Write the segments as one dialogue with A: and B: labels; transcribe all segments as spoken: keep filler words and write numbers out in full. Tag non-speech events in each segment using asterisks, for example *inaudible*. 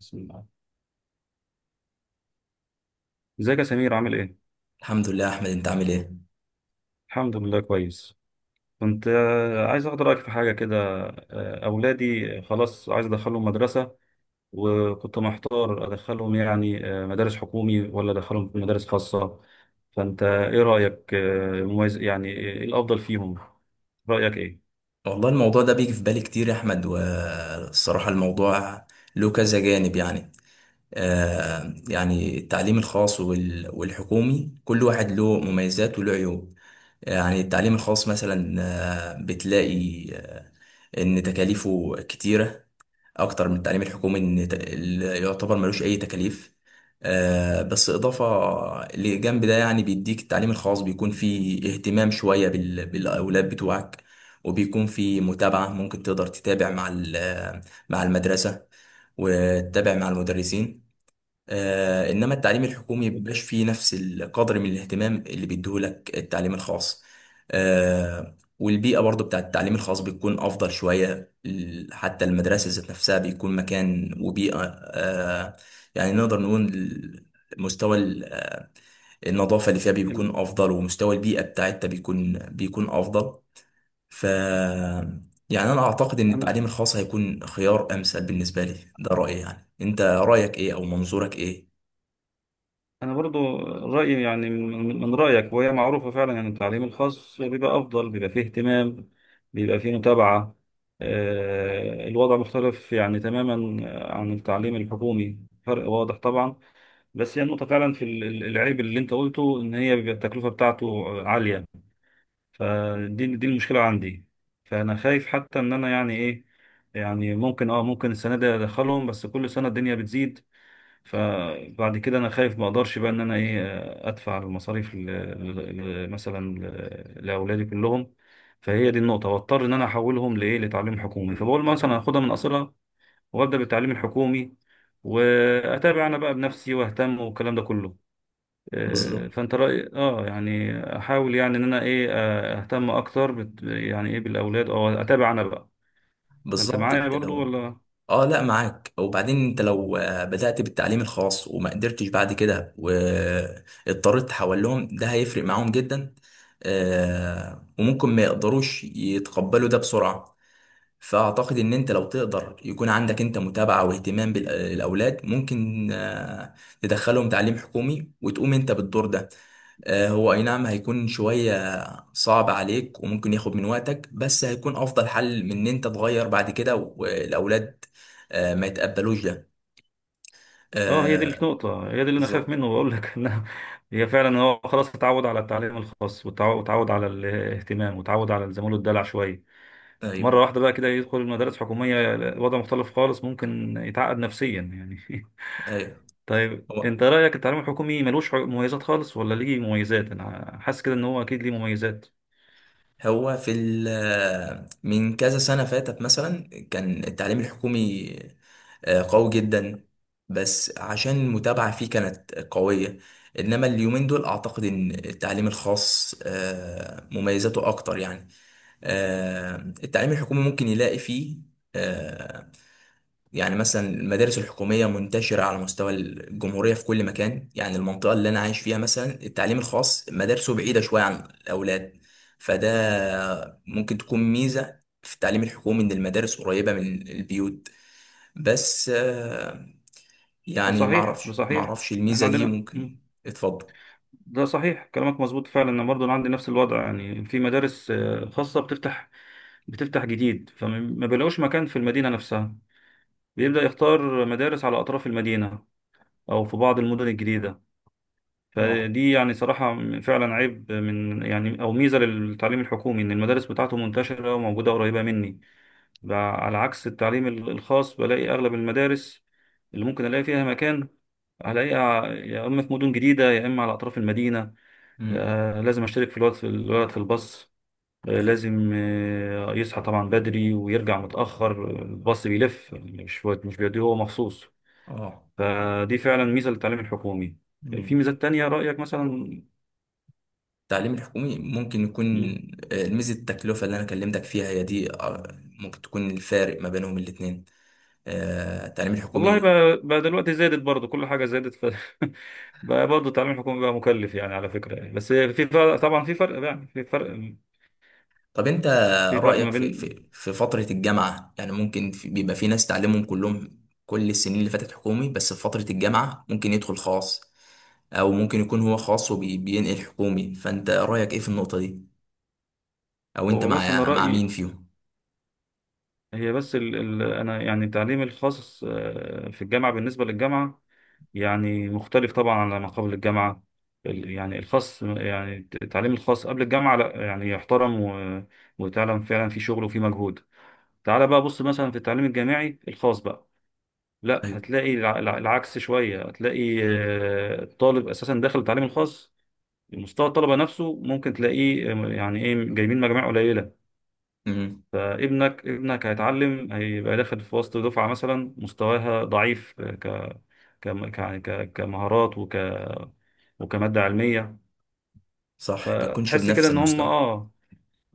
A: بسم الله. ازيك يا سمير، عامل ايه؟
B: الحمد لله يا احمد، انت عامل ايه؟
A: الحمد لله كويس. كنت آه، عايز اخد رايك في حاجه كده. آه، اولادي خلاص، عايز ادخلهم مدرسه، وكنت محتار ادخلهم يعني آه، مدارس حكومي ولا ادخلهم في مدارس خاصه؟ فانت ايه رايك آه، مميز، يعني ايه الافضل فيهم؟ رايك ايه؟
B: والله الموضوع ده بيجي في بالي كتير يا احمد، والصراحه الموضوع له كذا جانب يعني. آه يعني التعليم الخاص وال- والحكومي كل واحد له مميزات وله عيوب. يعني التعليم الخاص مثلا آه، بتلاقي آه، ان تكاليفه كتيره اكتر من التعليم الحكومي، ان ت- اللي يعتبر ملوش اي تكاليف. آه، بس اضافه لجنب ده يعني بيديك التعليم الخاص بيكون فيه اهتمام شويه بال- بالاولاد بتوعك، وبيكون فيه متابعه، ممكن تقدر تتابع مع ال- مع المدرسه، وتتابع مع المدرسين. آه، انما التعليم الحكومي مبيبقاش فيه نفس القدر من الاهتمام اللي بيديهولك التعليم الخاص. آه، والبيئة برضو بتاعت التعليم الخاص بتكون افضل شوية، ال- حتى المدرسة ذات نفسها بيكون مكان وبيئة. آه، يعني نقدر نقول ال- مستوى ال- النظافة اللي فيها
A: ال-
B: بيكون افضل، ومستوى البيئة بتاعتها بيكون بيكون افضل. ف يعني انا اعتقد ان التعليم الخاص هيكون خيار امثل بالنسبة لي. ده رأيي، يعني انت رأيك ايه او منظورك ايه؟
A: أنا برضو رأيي يعني من من رأيك، وهي معروفة فعلا، يعني التعليم الخاص بيبقى أفضل، بيبقى فيه اهتمام، بيبقى فيه متابعة. آه، الوضع مختلف يعني تماما عن التعليم الحكومي، فرق واضح طبعا. بس هي النقطة فعلا في ال- ال- العيب اللي أنت قلته، إن هي بيبقى التكلفة بتاعته عالية. فدي دي المشكلة عندي. فأنا خايف حتى إن أنا يعني إيه، يعني ممكن اه ممكن السنة دي أدخلهم، بس كل سنة الدنيا بتزيد. فبعد كده انا خايف ما اقدرش بقى ان انا ايه، ادفع المصاريف ل- ل- ل- مثلا ل- لاولادي كلهم. فهي دي النقطه، واضطر ان انا احولهم لايه، لتعليم حكومي. فبقول مثلا هاخدها من اصلها وابدا بالتعليم الحكومي واتابع انا بقى بنفسي واهتم، والكلام ده كله. آه،
B: بالظبط،
A: فانت راي اه يعني، احاول يعني ان انا ايه، آه، اهتم اكتر بت... يعني ايه بالاولاد، او اتابع انا بقى. انت
B: بالظبط.
A: معايا
B: انت
A: برضو
B: لو
A: ولا؟
B: اه، لا، معاك. وبعدين انت لو آه، بدأت بالتعليم الخاص وما قدرتش بعد كده واضطريت تحول لهم، ده هيفرق معاهم جدا. آه، وممكن ما يقدروش يتقبلوا ده بسرعة. فأعتقد إن أنت لو تقدر يكون عندك أنت متابعة واهتمام بالأولاد، ممكن آه، تدخلهم تعليم حكومي وتقوم أنت بالدور ده. آه، هو اي نعم هيكون شوية صعب عليك وممكن ياخد من وقتك، بس هيكون افضل حل من ان انت تغير بعد كده والاولاد آه، ما يتقبلوش ده.
A: اه، هي دي
B: آه،
A: النقطة، هي دي اللي أنا خايف
B: بالظبط.
A: منه وأقول لك *laughs* إنها هي فعلا. هو خلاص اتعود على التعليم الخاص، واتعو- واتعود على الاهتمام، واتعود على الزميل، الدلع شوية. مرة
B: ايوه،
A: واحدة بقى كده يدخل المدارس الحكومية، وضع مختلف خالص، ممكن يتعقد نفسيا يعني
B: ايوه.
A: *laughs* طيب
B: هو
A: أنت رأيك التعليم الحكومي ملوش حق- مميزات خالص، ولا ليه مميزات؟ أنا حاسس كده إن هو أكيد ليه مميزات.
B: هو في ال- آه، من كذا سنة فاتت مثلا كان التعليم الحكومي آه، قوي جدا، بس عشان المتابعة فيه كانت قوية. انما اليومين دول اعتقد ان التعليم الخاص آه، مميزاته اكتر يعني. آه، التعليم الحكومي ممكن يلاقي فيه آه، يعني مثلا المدارس الحكومية منتشرة على مستوى الجمهورية في كل مكان، يعني المنطقة اللي أنا عايش فيها مثلا التعليم الخاص مدارسه بعيدة شوية عن الأولاد. فده ممكن تكون ميزة في التعليم الحكومي إن المدارس قريبة من البيوت. بس آه،
A: ده
B: يعني
A: صحيح،
B: معرفش،
A: ده صحيح،
B: معرفش
A: إحنا
B: الميزة دي
A: عندنا مم.
B: ممكن. اتفضل.
A: ده صحيح، كلامك مظبوط فعلا. أنا برضه أنا عندي نفس الوضع، يعني في مدارس آه، خاصة بتفتح بتفتح جديد، فما بيلاقوش مكان في المدينة نفسها، بيبدأ يختار مدارس على أطراف المدينة، أو في بعض المدن الجديدة.
B: اه،
A: فدي يعني صراحة فعلا عيب من يعني، أو ميزة للتعليم الحكومي إن المدارس بتاعته منتشرة وموجودة قريبة مني. ب- على عكس التعليم ال- الخاص، بلاقي أغلب المدارس اللي ممكن ألاقي فيها مكان، هلاقيها يا إما في مدن جديدة يا إما على أطراف المدينة.
B: امم،
A: آه، لازم أشترك في الولد، في الولد في الباص. آه،
B: ايوه،
A: لازم آه، يصحى طبعا بدري ويرجع متأخر، الباص بيلف يعني، مش مش بيوديه هو مخصوص.
B: اه،
A: فدي فعلا ميزة للتعليم الحكومي. في
B: مم.
A: ميزات تانية رأيك مثلا؟
B: التعليم الحكومي ممكن يكون
A: مم.
B: آه، ميزة التكلفة اللي أنا كلمتك فيها هي دي، آه، ممكن تكون الفارق ما بينهم الاتنين. آه، التعليم
A: والله
B: الحكومي.
A: بقى, بقى دلوقتي زادت برضه، كل حاجة زادت ف... *laughs* بقى برضه التعليم الحكومي بقى مكلف يعني، على فكرة يعني. بس في فرق طبعا، في فرق يعني، في فرق،
B: طب أنت
A: في فرق ما
B: رأيك في
A: بين.
B: في في فترة الجامعة، يعني ممكن في، بيبقى في ناس تعليمهم كلهم كل السنين اللي فاتت حكومي، بس في فترة الجامعة ممكن يدخل خاص، أو ممكن يكون هو خاص وبينقل حكومي، فأنت رأيك إيه في النقطة دي، أو أنت
A: هو بس أنا
B: مع مع
A: رأيي،
B: مين فيهم؟
A: هي بس ال... ال... أنا يعني التعليم الخاص آه، في الجامعة، بالنسبة للجامعة يعني مختلف طبعا على ما قبل الجامعة. ال- يعني الخاص، يعني التعليم الخاص قبل الجامعة، لا يعني يحترم و- وتعلم فعلا في شغل وفي مجهود. تعال بقى بص مثلا في التعليم الجامعي الخاص بقى، لا
B: أيوة.
A: هتلاقي الع- الع- العكس شوية، هتلاقي آه، الطالب أساسا داخل التعليم الخاص، مستوى الطلبة نفسه ممكن تلاقيه آه، يعني إيه جايبين مجاميع قليلة.
B: أمم.
A: فابنك ابنك هيتعلم، هيبقى داخل في وسط دفعة مثلا مستواها ضعيف، ك ك ك يعني ك- كمهارات وك وكمادة علمية.
B: صح، بيكونش
A: فتحس كده
B: بنفس
A: ان هم
B: المستوى.
A: اه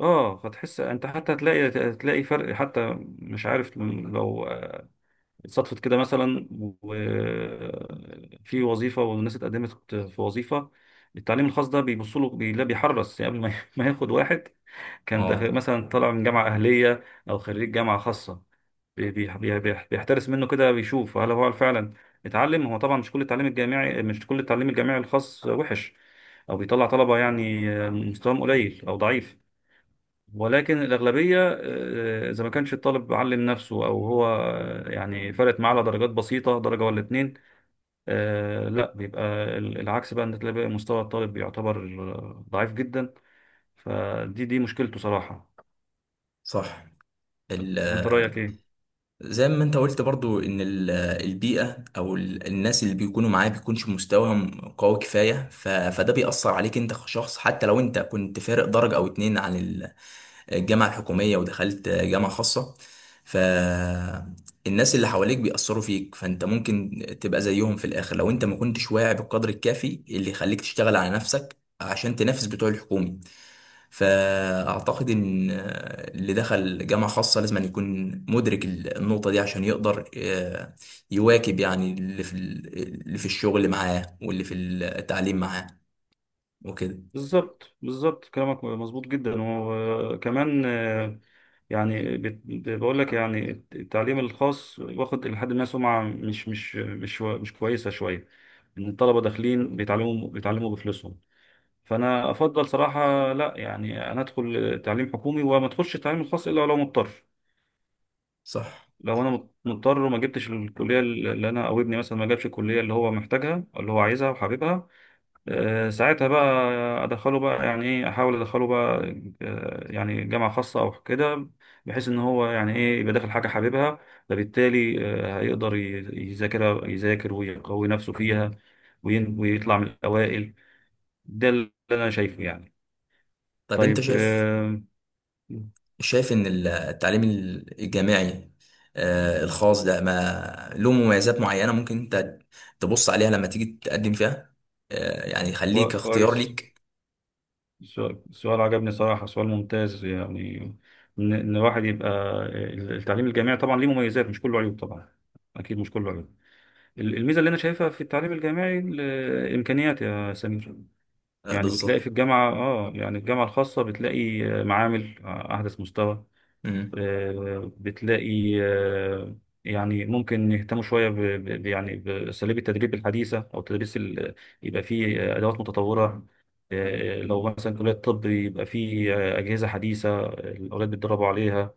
A: اه فتحس انت حتى هتلاقي هتلاقي فرق، حتى مش عارف لو صدفت كده مثلا، وفي وظيفة والناس اتقدمت في وظيفة، التعليم الخاص ده بيبص له، بي- لا بيحرص يعني قبل ما *laughs* ما ياخد واحد كان تخ-
B: اه.
A: مثلا طالع من جامعة أهلية، أو خريج جامعة خاصة، بي- بي- بي- بي- بيحترس منه كده، بيشوف هل هو فعلا اتعلم. هو طبعا مش كل التعليم الجامعي مش كل التعليم الجامعي الخاص وحش، أو بيطلع طلبة يعني مستواهم قليل أو ضعيف. ولكن الأغلبية، آه، إذا ما كانش الطالب علم نفسه أو هو آه، يعني فرقت معاه على درجات بسيطة، درجة ولا اتنين، آه، لا بيبقى ال- العكس بقى، إن تلاقي بقى مستوى الطالب بيعتبر آه، ضعيف جدا. فدي دي مشكلته صراحة.
B: صح. ال
A: وانت رايك ايه؟
B: زي ما انت قلت برضو ان ال- البيئة او ال- الناس اللي بيكونوا معاه بيكونش مستواهم قوي كفاية، ف- فده بيأثر عليك انت كشخص، حتى لو انت كنت فارق درجة او اتنين عن ال- الجامعة الحكومية ودخلت جامعة خاصة. فالناس اللي حواليك بيأثروا فيك، فانت ممكن تبقى زيهم في الاخر لو انت ما كنتش واعي بالقدر الكافي اللي يخليك تشتغل على نفسك عشان تنافس بتوع الحكومي. فأعتقد إن آه، اللي دخل جامعة خاصة لازم أن يكون مدرك ال- النقطة دي عشان يقدر آه، يواكب يعني اللي في ال- اللي في الشغل معاه واللي في التعليم معاه وكده.
A: بالظبط، بالظبط، كلامك مظبوط جدا. وكمان آه، يعني بت- بقول لك، يعني التعليم الخاص واخد لحد ما سمعه مش مش مش مش كويسه شويه، ان الطلبه داخلين بيتعلموا بيتعلموا بفلوسهم. فانا افضل صراحه، لا يعني انا ادخل تعليم حكومي وما ادخلش التعليم الخاص الا لو مضطر.
B: صح.
A: لو انا مضطر وما جبتش الكليه اللي انا، او ابني مثلا ما جابش الكليه اللي هو محتاجها، اللي هو عايزها وحاببها، آه، ساعتها بقى ادخله بقى، يعني ايه، احاول ادخله بقى آه، يعني جامعه خاصه او كده، بحيث ان هو يعني ايه يبقى داخل حاجه حاببها، فبالتالي آه، هيقدر ي- يذاكر يذاكر ويقوي نفسه فيها، وين- ويطلع من الاوائل. ده اللي انا شايفه يعني.
B: طب أنت
A: طيب،
B: شايف
A: آه،
B: شايف إن ال- التعليم الجامعي آه، الخاص ده ما له مميزات معينة ممكن أنت تبص عليها لما تيجي تقدم فيها، آه، يعني يخليك
A: كوا-
B: اختيار
A: كويس،
B: ليك.
A: سؤال سؤال عجبني صراحه، سؤال ممتاز يعني، ان إن الواحد يبقى آه، التعليم الجامعي طبعا ليه مميزات، مش كله عيوب طبعا، اكيد مش كله عيوب. الميزه اللي انا شايفها في التعليم الجامعي الامكانيات يا سمير،
B: آه،
A: يعني بتلاقي
B: بالظبط.
A: في الجامعه اه يعني الجامعه الخاصه، بتلاقي آه، معامل آه، احدث مستوى.
B: مم.
A: آه، بتلاقي آه، يعني ممكن يهتموا شوية ب ب- يعني بأساليب التدريب الحديثة، أو التدريس ال- يبقى فيه آه، أدوات متطورة. آه، لو مثلا كلية طب، يبقى فيه آه، أجهزة حديثة، آه، الأولاد بيتدربوا عليها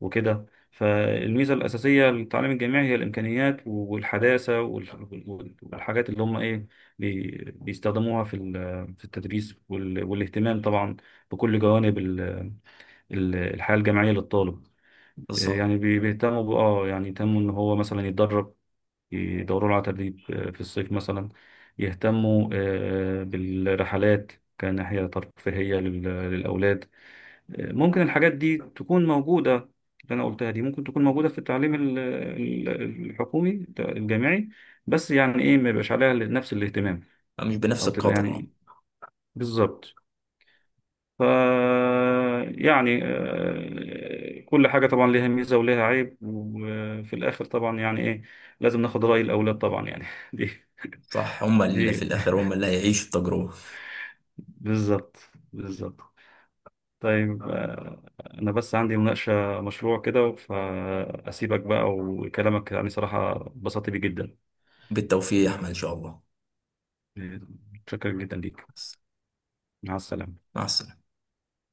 A: وكده. فالميزة الأساسية للتعليم الجامعي هي الإمكانيات والحداثة وال- وال- والحاجات اللي هم إيه بي- بيستخدموها في ال- في التدريس وال- والاهتمام طبعا بكل جوانب ال- ال- الحياة الجامعية للطالب.
B: بالظبط،
A: يعني بي- بيهتموا ب- اه يعني يهتموا ان هو مثلا يتدرب، يدوروا له على تدريب آه، في الصيف مثلا، يهتموا آه، بالرحلات كناحية ترفيهية لل- للأولاد. آه، ممكن الحاجات دي تكون موجودة، اللي أنا قلتها دي ممكن تكون موجودة في التعليم ال- ال- الحكومي الجامعي، بس يعني إيه ما يبقاش عليها نفس الاهتمام،
B: مش بنفس
A: أو تبقى
B: القدر.
A: يعني، بالظبط. ف يعني آه، كل حاجة طبعا ليها ميزة وليها عيب، وفي الآخر طبعا يعني إيه لازم ناخد رأي الأولاد طبعا يعني *laughs* دي
B: صح، هم
A: دي
B: اللي في الآخر هم اللي هيعيشوا التجربة.
A: بالظبط، بالظبط. طيب آه، أنا بس عندي مناقشة مشروع كده، فأسيبك بقى، وكلامك يعني صراحة اتبسطت بيه جدا.
B: بالتوفيق يا أحمد إن شاء الله.
A: متشكر جدا ليك، مع السلامة.
B: مع السلامة.